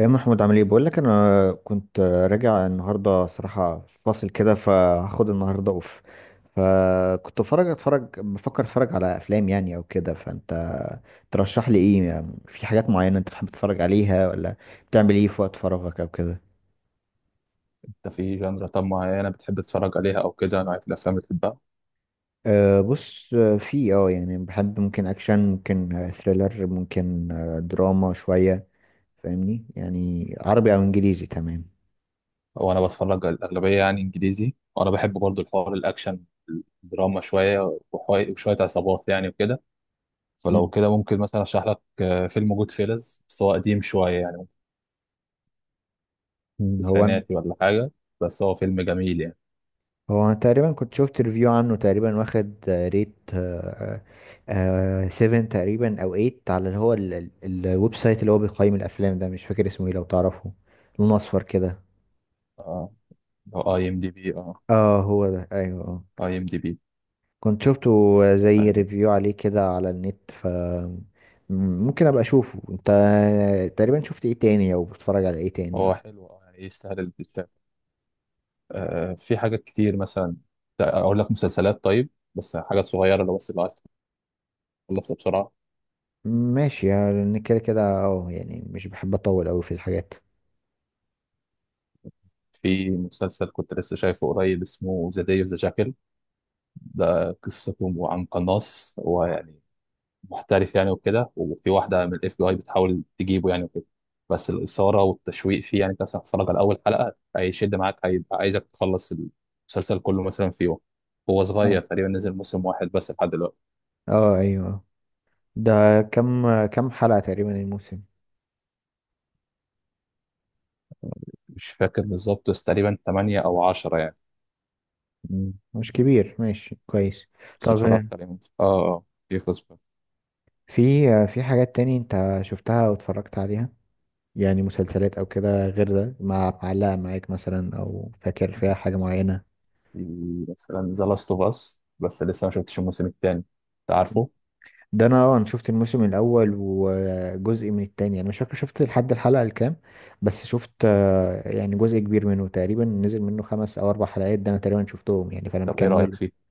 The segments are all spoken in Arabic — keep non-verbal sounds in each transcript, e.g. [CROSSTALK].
ايه محمود، عامل ايه؟ بقول لك، انا كنت راجع النهارده صراحه فاصل كده، فهاخد النهارده اوف. فكنت بفرج اتفرج بفكر اتفرج على افلام يعني او كده. فانت ترشح لي ايه يعني؟ في حاجات معينه انت بتحب تتفرج عليها؟ ولا بتعمل ايه في وقت فراغك او كده؟ انت في جنرا طب معينة بتحب تتفرج عليها او كده، نوعية الافلام اللي بتحبها؟ أه، بص. في يعني بحب، ممكن اكشن، ممكن ثريلر، ممكن دراما شويه، فاهمني؟ يعني عربي او انجليزي، تمام. وانا بتفرج الاغلبية يعني انجليزي، وانا بحب برضو الحوار الاكشن، الدراما شوية وشوية عصابات يعني وكده. فلو مم. كده ممكن مثلا اشرح لك فيلم جود فيلز، بس هو قديم شوية يعني، مم، هو أنا- تسعيناتي ولا حاجة، بس هو فيلم جميل يعني. هو أنا تقريبا كنت شفت ريفيو عنه، تقريبا واخد ريت 7 تقريبا او 8، على اللي هو الويب سايت اللي هو بيقيم الافلام ده. مش فاكر اسمه ايه، لو تعرفه. لونه اصفر كده. اه، اي ام دي بي. اه، اه، هو ده، ايوه، اه. اي ام دي بي. كنت شفته زي ايوه، ريفيو عليه كده على النت، ف ممكن ابقى اشوفه. انت تقريبا شفت ايه تاني، او بتتفرج على ايه هو تاني؟ حلو اه يعني يستاهل الكتاب. آه في حاجات كتير مثلا، اقول لك مسلسلات، طيب بس حاجات صغيرة لو بس اللي عايز تخلصها بسرعة. ماشي، يعني كده كده، اه يعني مش بحب اطول اوي في الحاجات. في مسلسل كنت لسه شايفه قريب اسمه ذا داي اوف ذا جاكل. ده قصته عن قناص، هو يعني محترف يعني وكده، وفي واحدة من الاف بي اي بتحاول تجيبه يعني وكده. بس الإثارة والتشويق فيه يعني، انت مثلا هتتفرج على أول حلقة هيشد معاك، هيبقى عايزك تخلص المسلسل كله مثلا في يوم. هو اه، صغير تقريبا، نزل موسم واحد بس لحد دلوقتي. اه، ايوه. ده كم حلقة تقريبا الموسم؟ مش فاكر بالظبط، بس تقريبا 8 أو 10 يعني. مم. مش كبير، ماشي كويس. بس طب اتفرجت عليه. اه اه، يخلص بقى. في حاجات تاني انت شفتها او اتفرجت عليها، يعني مسلسلات او كده، غير ده، مع معلقة معاك مثلا، او فاكر فيها حاجة معينة؟ في مثلا ذا لاست اوف اس، بس لسه ما شفتش الموسم الثاني، انت عارفه ده انا شفت الموسم الاول وجزء من التاني. انا مش فاكر شفت لحد الحلقة الكام. بس شفت يعني جزء كبير منه، تقريبا نزل منه 5 او 4 حلقات، ده انا تقريبا شفتهم يعني، فانا طب ايه رأيك مكمل. فيه؟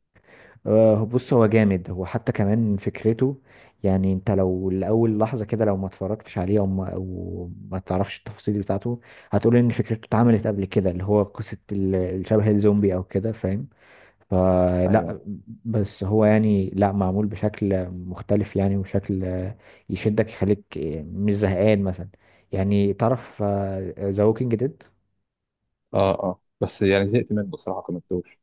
بص هو جامد، هو حتى كمان فكرته. يعني انت لو لأول لحظة كده، لو ما اتفرجتش عليه او ما, أو ما تعرفش التفاصيل بتاعته، هتقول ان فكرته اتعملت قبل كده، اللي هو قصة الشبه الزومبي او كده، فاهم؟ ايوه. فلا، بس هو يعني لا، معمول بشكل مختلف يعني، وشكل يشدك، يخليك مش زهقان مثلا. يعني تعرف ذا ووكينج ديد؟ اه اه، بس يعني زهقت منه بصراحة، كملتوش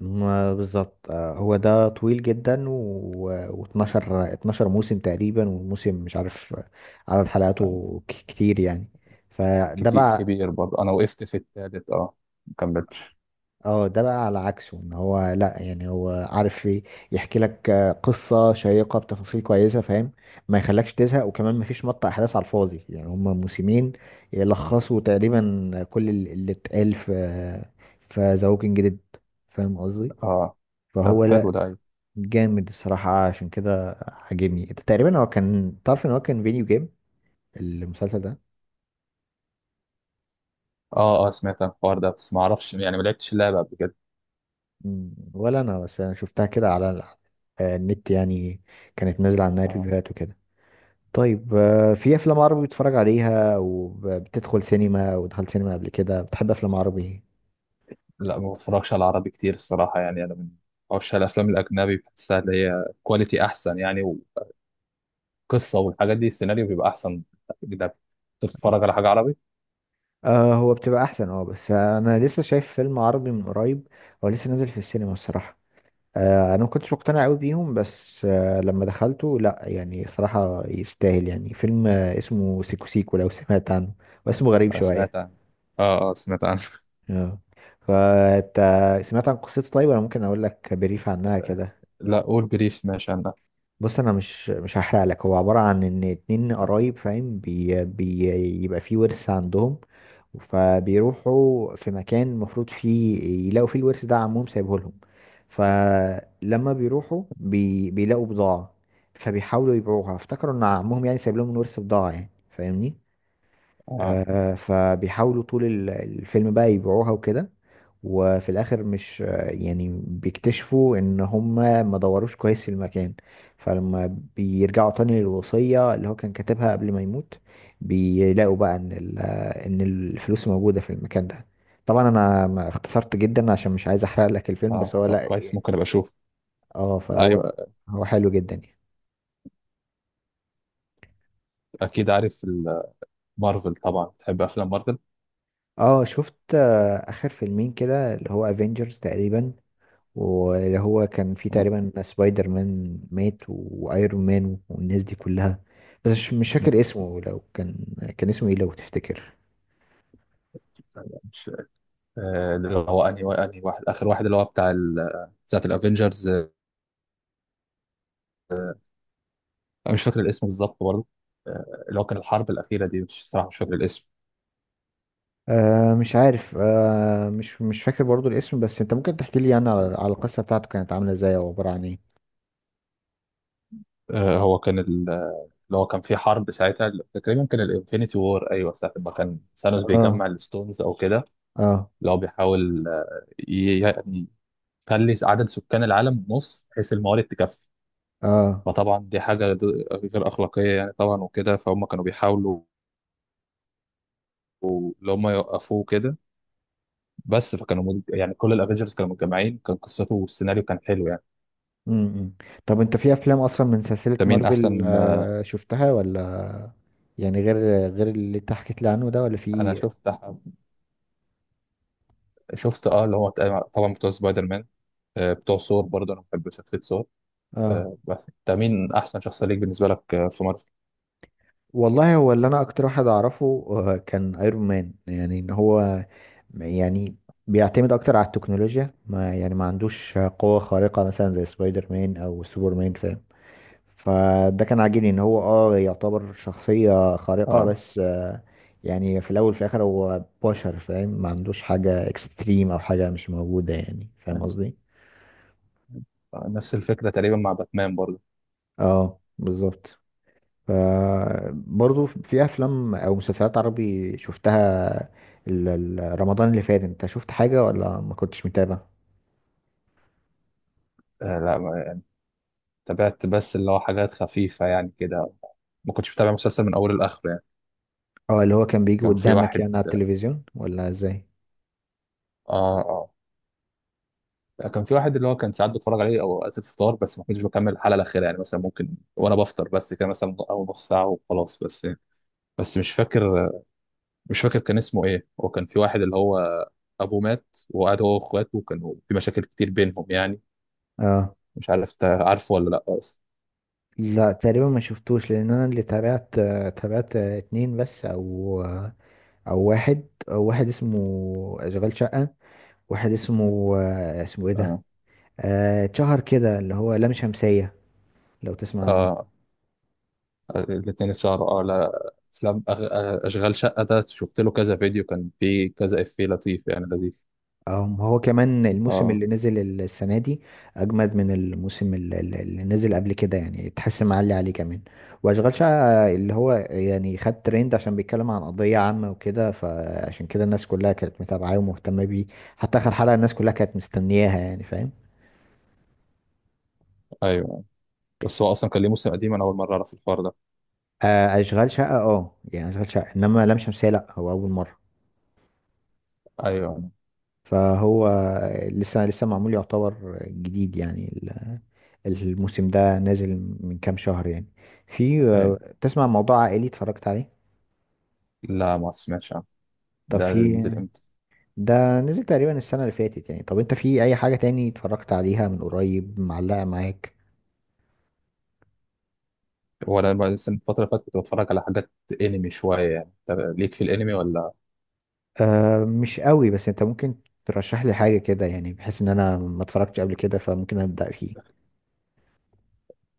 ما بالظبط، هو ده طويل جدا و... و12 12 موسم تقريبا، والموسم مش عارف عدد يعني. حلقاته كتير يعني. فده كتير بقى. كبير برضه، انا وقفت في التالت اه، ما كملتش. اه، ده بقى على عكسه، ان هو لا. يعني هو عارف يحكي لك قصة شيقة بتفاصيل كويسة، فاهم؟ ما يخلكش تزهق، وكمان ما فيش مط احداث على الفاضي. يعني هما موسمين يلخصوا تقريبا كل اللي اتقال في ذا ووكينج ديد، فاهم قصدي؟ اه، طب فهو حلو ده. ايوه، جامد الصراحة، عشان كده عاجبني. تقريبا هو كان، تعرف ان هو كان فيديو جيم، المسلسل ده؟ اه اه، سمعت عن الحوار ده بس ما اعرفش يعني، ما لعبتش اللعبة قبل كده. مم، ولا انا. بس انا شفتها كده على النت يعني، كانت نازلة عنها آه. ريفيوهات وكده. طيب في افلام عربي بتتفرج عليها، وبتدخل سينما، ودخلت سينما قبل كده، بتحب افلام عربي؟ لا، ما بتفرجش على العربي كتير الصراحة يعني. انا من عشاق الافلام الاجنبي، بحسها اللي هي كواليتي احسن يعني، وقصة والحاجات دي السيناريو بيبقى احسن. اجنبي. انت بتتفرج على حاجة عربي؟ آه، هو بتبقى احسن اه، بس انا لسه شايف فيلم عربي من قريب، هو لسه نازل في السينما الصراحة. انا ما كنتش مقتنع قوي بيهم، بس لما دخلته لا، يعني صراحة يستاهل، يعني فيلم اسمه سيكو سيكو، لو سمعت عنه، واسمه غريب آه شوية. سمعت عن، اه اه، سمعت عنه. اه، فانت سمعت عن قصته؟ طيب انا ممكن اقول لك بريف عنها كده. [LAUGHS] لا، قول بريف، ماشي انا. بص، انا مش هحرق لك. هو عباره عن ان اتنين قرايب، فاهم؟ بي بي يبقى في ورث عندهم. فبيروحوا في مكان المفروض فيه يلاقوا فيه الورث ده، عمهم سايبه لهم. فلما بيروحوا بيلاقوا بضاعه، فبيحاولوا يبيعوها، افتكروا ان عمهم يعني سايب لهم الورث بضاعه يعني، فاهمني؟ اه فبيحاولوا طول الفيلم بقى يبيعوها وكده. وفي الاخر مش آه، يعني بيكتشفوا ان هم ما دوروش كويس في المكان. فلما بيرجعوا تاني للوصية اللي هو كان كاتبها قبل ما يموت، بيلاقوا بقى ان ان الفلوس موجودة في المكان ده. طبعا انا ما اختصرت جدا عشان مش عايز احرق لك الفيلم، بس اه، هو طب لا. كويس، ممكن ابقى اشوف. اه، فهو ايوه. هو حلو جدا يعني. اكيد عارف مارفل، طبعا بتحب افلام مارفل. اه، شفت اخر فيلمين كده، اللي هو افنجرز تقريبا، واللي هو كان في آه. تقريبا سبايدر مان مات وايرون مان والناس دي كلها. بس مش فاكر اسمه. لو كان اسمه ايه لو تفتكر؟ مش آه، اللي هو انهي انهي واحد، اخر واحد اللي هو بتاعت الافينجرز. انا مش فاكر الاسم بالظبط برضه. اللي هو كان الحرب الاخيره دي، مش صراحه مش فاكر الاسم. آه مش عارف، آه مش فاكر برضو الاسم. بس انت ممكن تحكي لي يعني على القصة بتاعته، كانت عاملة ازاي او عبارة عن ايه؟ هو كان اللي هو كان في حرب، ساعتها تقريبا كان الانفينيتي وور، ايوه ساعه ما كان ثانوس اه، بيجمع الستونز او كده. اه، اللي هو بيحاول يعني يخلي عدد سكان العالم نص بحيث الموارد تكفي. اه. فطبعا دي حاجة غير أخلاقية يعني طبعا وكده. فهم كانوا بيحاولوا اللي هم يوقفوه كده. بس يعني كل الافنجرز كانوا متجمعين، كان قصته والسيناريو كان حلو يعني. امم. طب انت في افلام اصلا من سلسلة انت مين مارفل احسن شفتها ولا؟ يعني غير اللي انت حكيت لي عنه ده، ولا في انا إيه؟ شفت اه اللي هو طبعا بتوع سبايدر مان، بتوع ثور برضه، انا بحب شخصية ثور. اه، بس انت مين احسن شخصية ليك بالنسبة لك في مارفل؟ والله هو اللي انا اكتر واحد اعرفه كان ايرون مان. يعني ان هو يعني بيعتمد اكتر على التكنولوجيا. ما يعني ما عندوش قوة خارقة مثلا زي سبايدر مان او سوبر مان، فاهم؟ فده كان عاجبني ان هو يعتبر شخصية خارقة، اه. بس يعني في الاول وفي الاخر هو بشر، فاهم؟ ما عندوش حاجة اكستريم او حاجة مش موجودة، يعني فاهم قصدي؟ نفس الفكرة تقريبا مع باتمان برضه. اه بالظبط. برضه في افلام او مسلسلات عربي شفتها؟ رمضان اللي فات انت شفت حاجة ولا ما كنتش متابع؟ آه، لا ما- تابعت بس اللي هو حاجات خفيفة يعني كده، ما كنتش متابع مسلسل من أوله لآخره يعني. اه، اللي هو كان بيجي كان في قدامك واحد، يعني على التلفزيون ولا ازاي؟ اه اه، كان في واحد اللي هو كان ساعات بتفرج عليه او وقت الفطار، بس ما كنتش بكمل الحلقه الاخيره يعني، مثلا ممكن وانا بفطر بس كده مثلا، او نص ساعه وخلاص بس يعني. بس مش فاكر كان اسمه ايه. هو كان في واحد اللي هو ابوه مات، وقعد هو واخواته وكانوا في مشاكل كتير بينهم يعني. اه مش عارف انت عارفه ولا لا اصلا. لا، تقريبا ما شفتوش، لان انا اللي تابعت اتنين بس، او او واحد أو واحد اسمه اشغال شقة، واحد اسمه ايه ده، اه اتشهر كده، اللي هو لام شمسية، لو تسمع عنه. اه، الاثنين اتشهروا اه، لا، افلام أغ... آه، اشغال شقه ده شفت له كذا فيديو، كان فيه كذا افيه لطيف يعني لذيذ. اه، ما هو كمان الموسم اه اللي نزل السنة دي أجمد من الموسم اللي نزل قبل كده، يعني تحس معلي عليه كمان. وأشغال شقة اللي هو يعني خد ترند، عشان بيتكلم عن قضية عامة وكده، فعشان كده الناس كلها كانت متابعاه ومهتمة بيه، حتى آخر حلقة الناس كلها كانت مستنياها يعني، فاهم؟ ايوه. بس هو اصلا كان ليه موسم قديم؟ انا اول مره اعرف الحوار ده. أشغال شقة اه، يعني أشغال شقة، إنما لام شمسية لأ، هو أول مرة. ايوه فهو لسه معمول، يعتبر جديد يعني، الموسم ده نازل من كام شهر يعني. في ايوه. تسمع موضوع عائلي اتفرجت عليه؟ لا، ما سمعتش عنه، طب ده في، نزل امتى؟ ده نزل تقريبا السنة اللي فاتت يعني. طب انت في اي حاجة تاني اتفرجت عليها من قريب معلقة معاك؟ هو انا بقى لسه الفتره اللي فاتت كنت بتفرج على حاجات انمي شويه يعني. انت ليك في الانمي ولا؟ آه مش قوي، بس انت ممكن ترشح لي حاجة كده يعني، بحيث ان انا ما اتفرجتش قبل كده فممكن ابدأ فيه.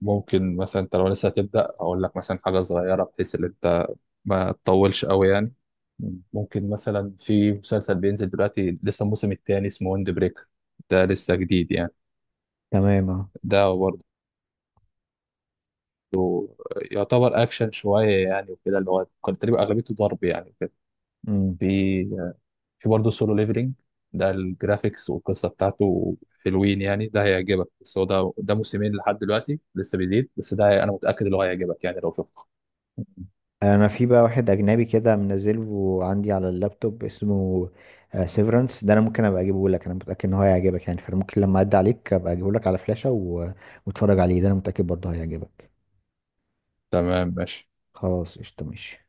ممكن مثلا انت لو لسه هتبدا، اقول لك مثلا حاجه صغيره بحيث ان انت ما تطولش قوي يعني. مم. ممكن مثلا في مسلسل بينزل دلوقتي لسه الموسم الثاني اسمه ويند بريكر، ده لسه جديد يعني. تمام، اه. ده برضه يعتبر اكشن شويه يعني وكده، اللي هو كان تقريبا اغلبيته ضرب يعني وكده. مم. في في برضه سولو ليفلينج، ده الجرافيكس والقصه بتاعته حلوين يعني، ده هيعجبك. بس هو ده موسمين لحد دلوقتي لسه بيزيد، بس ده انا متاكد اللي هو هيعجبك يعني لو شفته. انا في بقى واحد اجنبي كده منزله عندي على اللابتوب اسمه سيفرنس، ده انا ممكن ابقى اجيبه لك. انا متاكد ان هو هيعجبك يعني، فممكن لما اعدي عليك ابقى اجيبه لك على فلاشه واتفرج عليه، ده انا متاكد برضه هيعجبك. تمام، ماشي. خلاص، قشطه، ماشي.